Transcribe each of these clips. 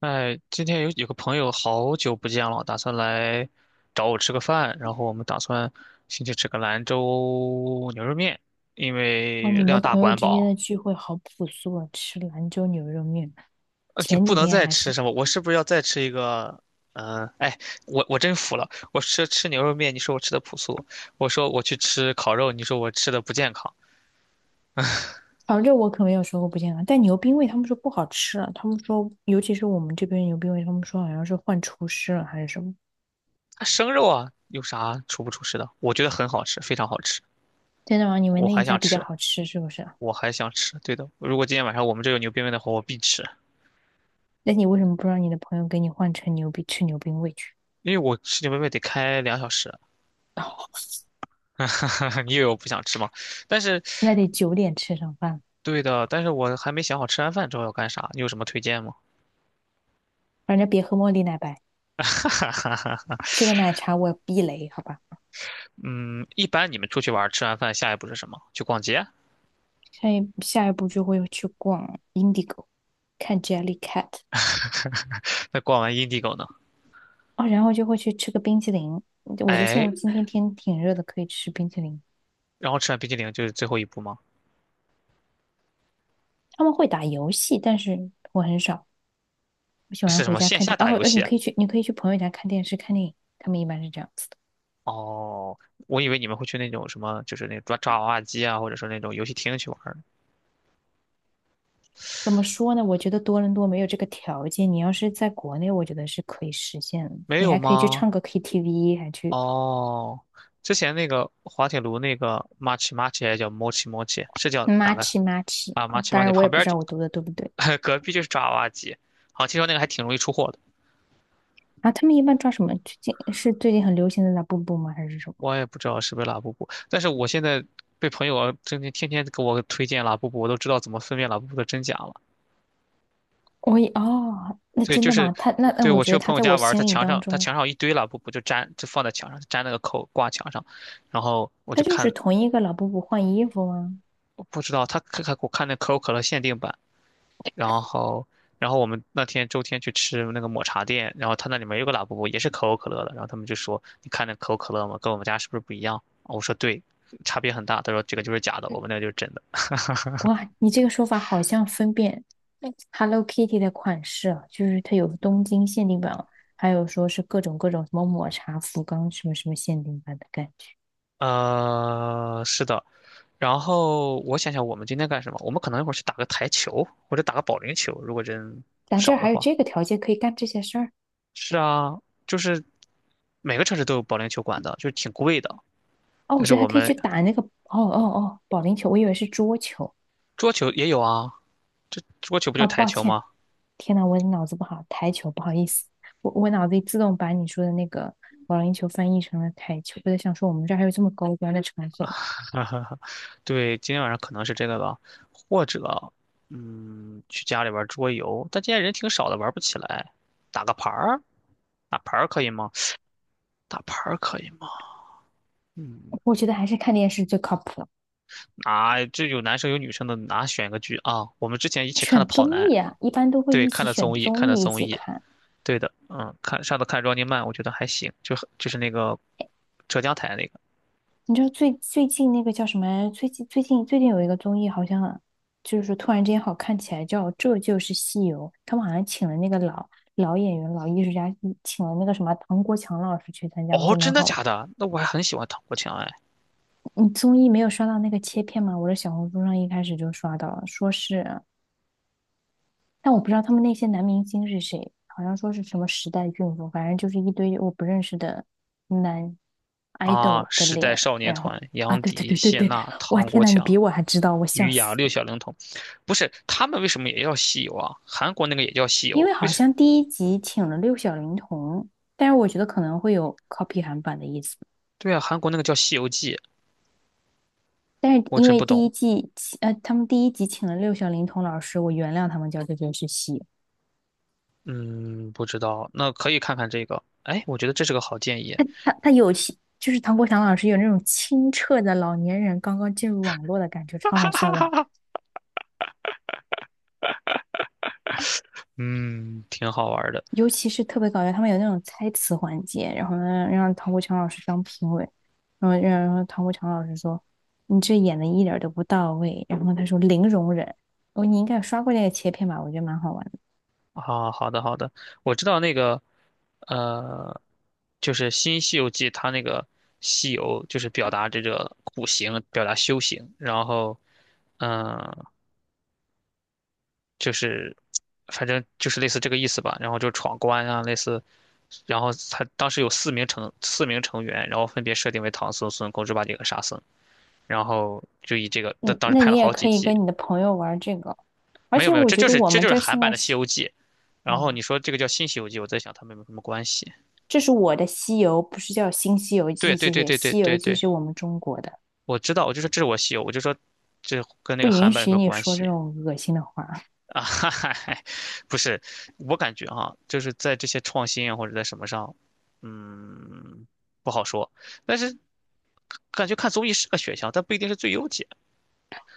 哎，今天有个朋友好久不见了，打算来找我吃个饭，然后我们打算先去吃个兰州牛肉面，因哇，为你量们大朋友管之间的饱，聚会好朴素啊，吃兰州牛肉面。而且前不几能天再还吃是，什么。我是不是要再吃一个？嗯、哎，我真服了，我吃牛肉面，你说我吃的朴素，我说我去吃烤肉，你说我吃的不健康。反正我可没有说过不健康，但牛冰味他们说不好吃了，他们说，尤其是我们这边牛冰味，他们说好像是换厨师了还是什么。啊生肉啊，有啥出不出事的？我觉得很好吃，非常好吃，真的吗？你们我那一还家想比较吃，好吃是不是啊。我还想吃。对的，如果今天晚上我们这有牛鞭面的话，我必吃。那你为什么不让你的朋友给你换成牛逼吃牛冰味去？因为我吃牛排面得开2小时，哦，你以为我不想吃吗？但是，那得九点吃上饭了。对的，但是我还没想好吃完饭之后要干啥，你有什么推荐吗？反正别喝茉莉奶白，吃个奶茶我避雷，好吧？嗯，一般你们出去玩，吃完饭下一步是什么？去逛街？下一步就会去逛 Indigo,看 Jellycat。那逛完 Indigo 呢？啊，然后就会去吃个冰淇淋。我觉得现哎，在今天 天挺热的，可以吃冰淇淋。然后吃完冰激凌就是最后一步吗？他们会打游戏，但是我很少。我喜欢是什回么家线看下打游戏你啊？可以去，你可以去朋友家看电视、看电影。他们一般是这样子的。哦，我以为你们会去那种什么，就是那种抓娃娃机啊，或者说那种游戏厅去玩儿怎么说呢？我觉得多伦多没有这个条件。你要是在国内，我觉得是可以实现的。没你有还可以去吗？唱个 KTV,还去 哦，之前那个滑铁卢那个 Machi Machi 还叫 Mochi Mochi，是叫哪个 match 妈 t c h 啊？Machi 当 Machi 然，我也旁不边儿知就 道我读的对不对。隔壁就是爪哇鸡，好像听说那个还挺容易出货的。啊，他们一般抓什么？最近是最近很流行的那步步吗？还是什么？我也不知道是不是拉布布，但是我现在被朋友天天给我推荐拉布布，我都知道怎么分辨拉布布的真假了。我也哦，那对，真就的是吗？他对我我觉去得我他朋友在家我玩儿他心里墙当上他中，墙上有一堆拉布布，就粘就放在墙上，粘那个扣挂墙上，然后我他就就是看，同一个老布布换衣服吗？我不知道他看我看那可口可乐限定版。然后，然后我们那天周天去吃那个抹茶店，然后他那里面有个拉布布，也是可口可乐的。然后他们就说：“你看那可口可乐吗？跟我们家是不是不一样？”我说：“对，差别很大。”他说：“这个就是假的，嗯，我们那个就是真的。”哇，你这个说法好像分辨 Hello Kitty 的款式啊，就是它有东京限定版，还有说是各种各种什么抹茶福冈什么什么限定版的感觉。是的。然后我想想，我们今天干什么？我们可能一会儿去打个台球，或者打个保龄球，如果人咱这儿少的还有话。这个条件可以干这些事儿。是啊，就是每个城市都有保龄球馆的，就是挺贵的。哦，我但是觉得还我可以去们打那个保龄球，我以为是桌球。桌球也有啊，这桌球不就哦，是台抱球歉，吗？天呐，我脑子不好，台球，不好意思，我脑子里自动把你说的那个保龄球翻译成了台球，我在想说我们这儿还有这么高端的场所。哈哈哈，对，今天晚上可能是这个吧，或者，嗯，去家里玩桌游，但今天人挺少的，玩不起来。打个牌儿，打牌儿可以吗？打牌儿可以吗？嗯，我觉得还是看电视最靠谱了。啊，这有男生有女生的，哪选个剧啊？我们之前一起看的选《跑男》，综艺啊，一般都会对，一看起的选综艺，看综的艺一综起艺，看。对的，嗯，看上次看 Running Man，我觉得还行，就是那个浙江台那个。你知道最近那个叫什么？最近有一个综艺，好像就是突然之间好看起来，叫《这就是西游》。他们好像请了那个老演员、老艺术家，嗯请了那个什么唐国强老师去参加，我觉哦，得蛮真的好。假的？那我还很喜欢唐国强哎。你综艺没有刷到那个切片吗？我的小红书上一开始就刷到了，说是，但我不知道他们那些男明星是谁，好像说是什么时代俊夫，反正就是一堆我不认识的男 啊，idol 的时代脸，少年然后团，啊，杨对对迪、对谢对对，娜、哇唐天国呐，你强。比我还知道，我笑鱼羊死！六小龄童，不是他们为什么也叫西游啊？韩国那个也叫西因游，为为好什？像第一集请了六小龄童，但是我觉得可能会有 copy 韩版的意思。对啊，韩国那个叫《西游记》，但是我因真为不第一懂。季，呃，他们第一集请了六小龄童老师，我原谅他们叫这件事情。嗯，不知道，那可以看看这个。哎，我觉得这是个好建议。他有其就是唐国强老师有那种清澈的老年人刚刚进入网络的感觉，超哈好哈笑哈的。哈，嗯，挺好玩的尤其是特别搞笑，他们有那种猜词环节，然后呢让唐国强老师当评委，然后唐国强老师说你这演的一点儿都不到位，然后他说零容忍。哦，你应该有刷过那个切片吧？我觉得蛮好玩的。啊。好的，好的，我知道那个，呃，就是《新西游记》，它那个西游就是表达这个苦行，表达修行，然后，嗯、就是反正就是类似这个意思吧。然后就闯关啊，类似，然后他当时有四名成员，然后分别设定为唐僧、孙悟空、猪八戒和沙僧，然后就以这个，当嗯，当时那拍你了也好几可以季。跟你的朋友玩这个，而没有且没有，我这觉就得是我这们就是这儿韩现版在的《西西，游记》。然后哦，你说这个叫新《西游记》，我在想他们有没有什么关系？这是我的《西游》，不是叫《新西游对记》，对谢对谢，对对《西游对记》对，是我们中国的。我知道，我就说这是我西游，我就说这跟那不个允韩版有什许么你关说这系？种恶心的话，啊，哈哈，不是，我感觉哈、就是在这些创新啊或者在什么上，嗯，不好说。但是感觉看综艺是个选项，但不一定是最优解。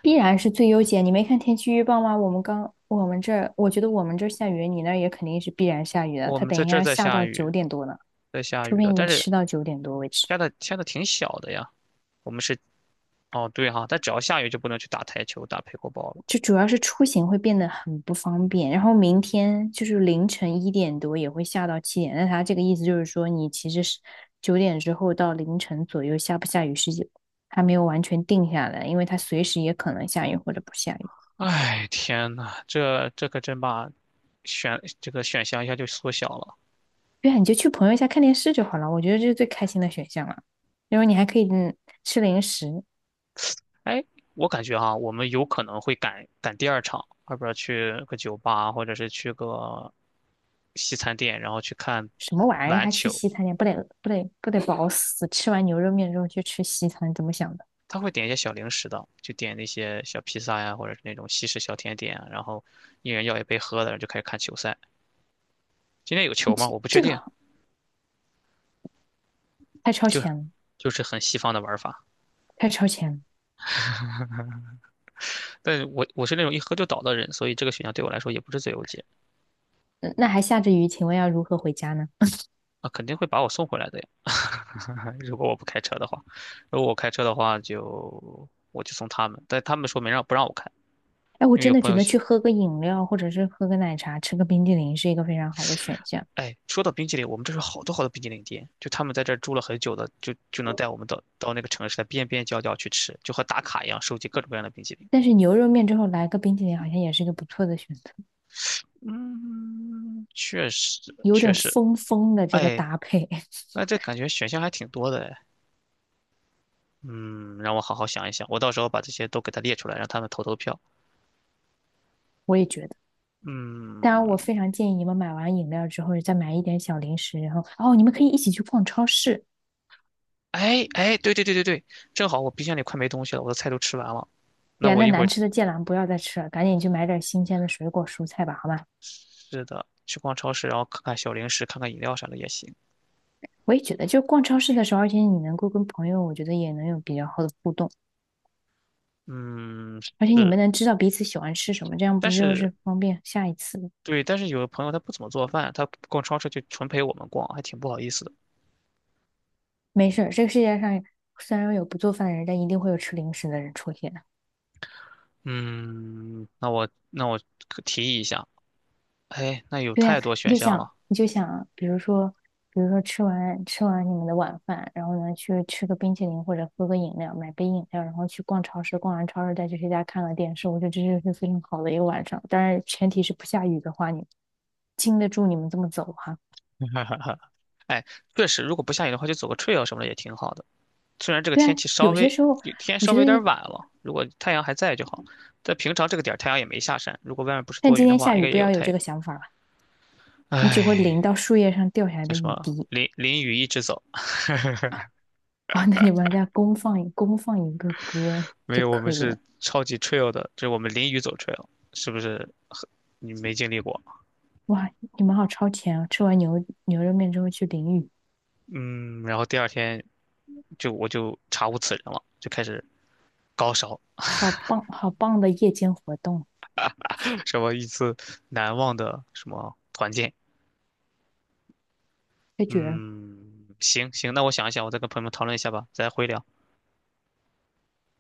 必然是最优解。你没看天气预报吗？我们这儿，我觉得我们这儿下雨，你那儿也肯定是必然下雨的。我它们等在一这下儿要在下下到九雨，点多呢，在下除雨非的，你但是吃到九点多为止。下的挺小的呀。我们是哦，对哈、但只要下雨就不能去打台球、打配过包了。就主要是出行会变得很不方便，然后明天就是凌晨一点多也会下到七点。那它这个意思就是说，你其实是九点之后到凌晨左右下不下雨是还没有完全定下来，因为它随时也可能下雨或者不下雨。哎，天呐，这可真把选这个选项一下就缩小了。对啊，你就去朋友家看电视就好了，我觉得这是最开心的选项了。然后你还可以吃零食，哎，我感觉哈，我们有可能会赶第二场，要不然去个酒吧，或者是去个西餐店，然后去看什么玩意儿篮还去球。西餐店，不得饱死！吃完牛肉面之后去吃西餐，怎么想的？他会点一些小零食的，就点那些小披萨呀，或者是那种西式小甜点啊，然后一人要一杯喝的，然后就开始看球赛。今天有你球吗？这我不确这个定，好太超就是前了，就是很西方的玩法。太超前了。但我是那种一喝就倒的人，所以这个选项对我来说也不是最优解嗯，那还下着雨，请问要如何回家呢？啊，肯定会把我送回来的呀。如果我不开车的话，如果我开车的话就我就送他们，但他们说没让不让我开，哎，我因为真有的朋觉友得喜，去喝个饮料，或者是喝个奶茶，吃个冰激凌是一个非常好的选项。哎，说到冰淇淋，我们这是好多好多冰淇淋店，就他们在这儿住了很久的，就能带我们到那个城市的边边角角去吃，就和打卡一样，收集各种各样的冰淇淋。但是牛肉面之后来个冰激凌，好像也是一个不错的选择，嗯，确实有确点实，疯疯的这个哎，搭配，那这感觉选项还挺多的哎。嗯，让我好好想一想，我到时候把这些都给他列出来，让他们投投票。我也觉得。当然，我嗯，非常建议你们买完饮料之后，再买一点小零食，然后哦，你们可以一起去逛超市。哎哎，对对对对对，正好我冰箱里快没东西了，我的菜都吃完了。哎那呀，我那一会难儿，吃的芥蓝不要再吃了，赶紧去买点新鲜的水果蔬菜吧，好吗？是的，去逛超市，然后看看小零食，看看饮料啥的也行。我也觉得，就逛超市的时候，而且你能够跟朋友，我觉得也能有比较好的互动，嗯，而且你们是，能知道彼此喜欢吃什么，这样不但就是是方便下一次吗？对，但是有的朋友他不怎么做饭，他逛超市就纯陪我们逛，还挺不好意思的。没事，这个世界上虽然有不做饭的人，但一定会有吃零食的人出现的。嗯，那我可提议一下，哎，那有对呀，太多你选就项想，了，你就想，比如说，比如说吃完你们的晚饭，然后呢去吃个冰淇淋或者喝个饮料，买杯饮料，然后去逛超市，逛完超市再去谁家看个电视，我觉得这就是非常好的一个晚上。当然，前提是不下雨的话，你经得住你们这么走哈。哎，确实，如果不下雨的话，就走个 trail 什么的也挺好的。虽然这个对啊，天气稍有些微时候天我稍觉微得，有点晚了，如果太阳还在就好。但平常这个点儿太阳也没下山，如果外面不是但多今云的天话，下应雨该不也有要有太这阳。个想法了，你只会淋唉，到树叶上掉下来叫的什雨么？滴。淋淋雨一直走。啊 那你们再公放一个歌没就有，我们可以了。是超级 trail 的，就是我们淋雨走 trail，是不是很你没经历过？哇，你们好超前啊！吃完牛肉面之后去淋雨，嗯，然后第二天我就查无此人了，就开始高烧，好棒好棒的夜间活动，什么一次难忘的什么团建。太绝了。嗯，行行，那我想一想，我再跟朋友们讨论一下吧，再回聊。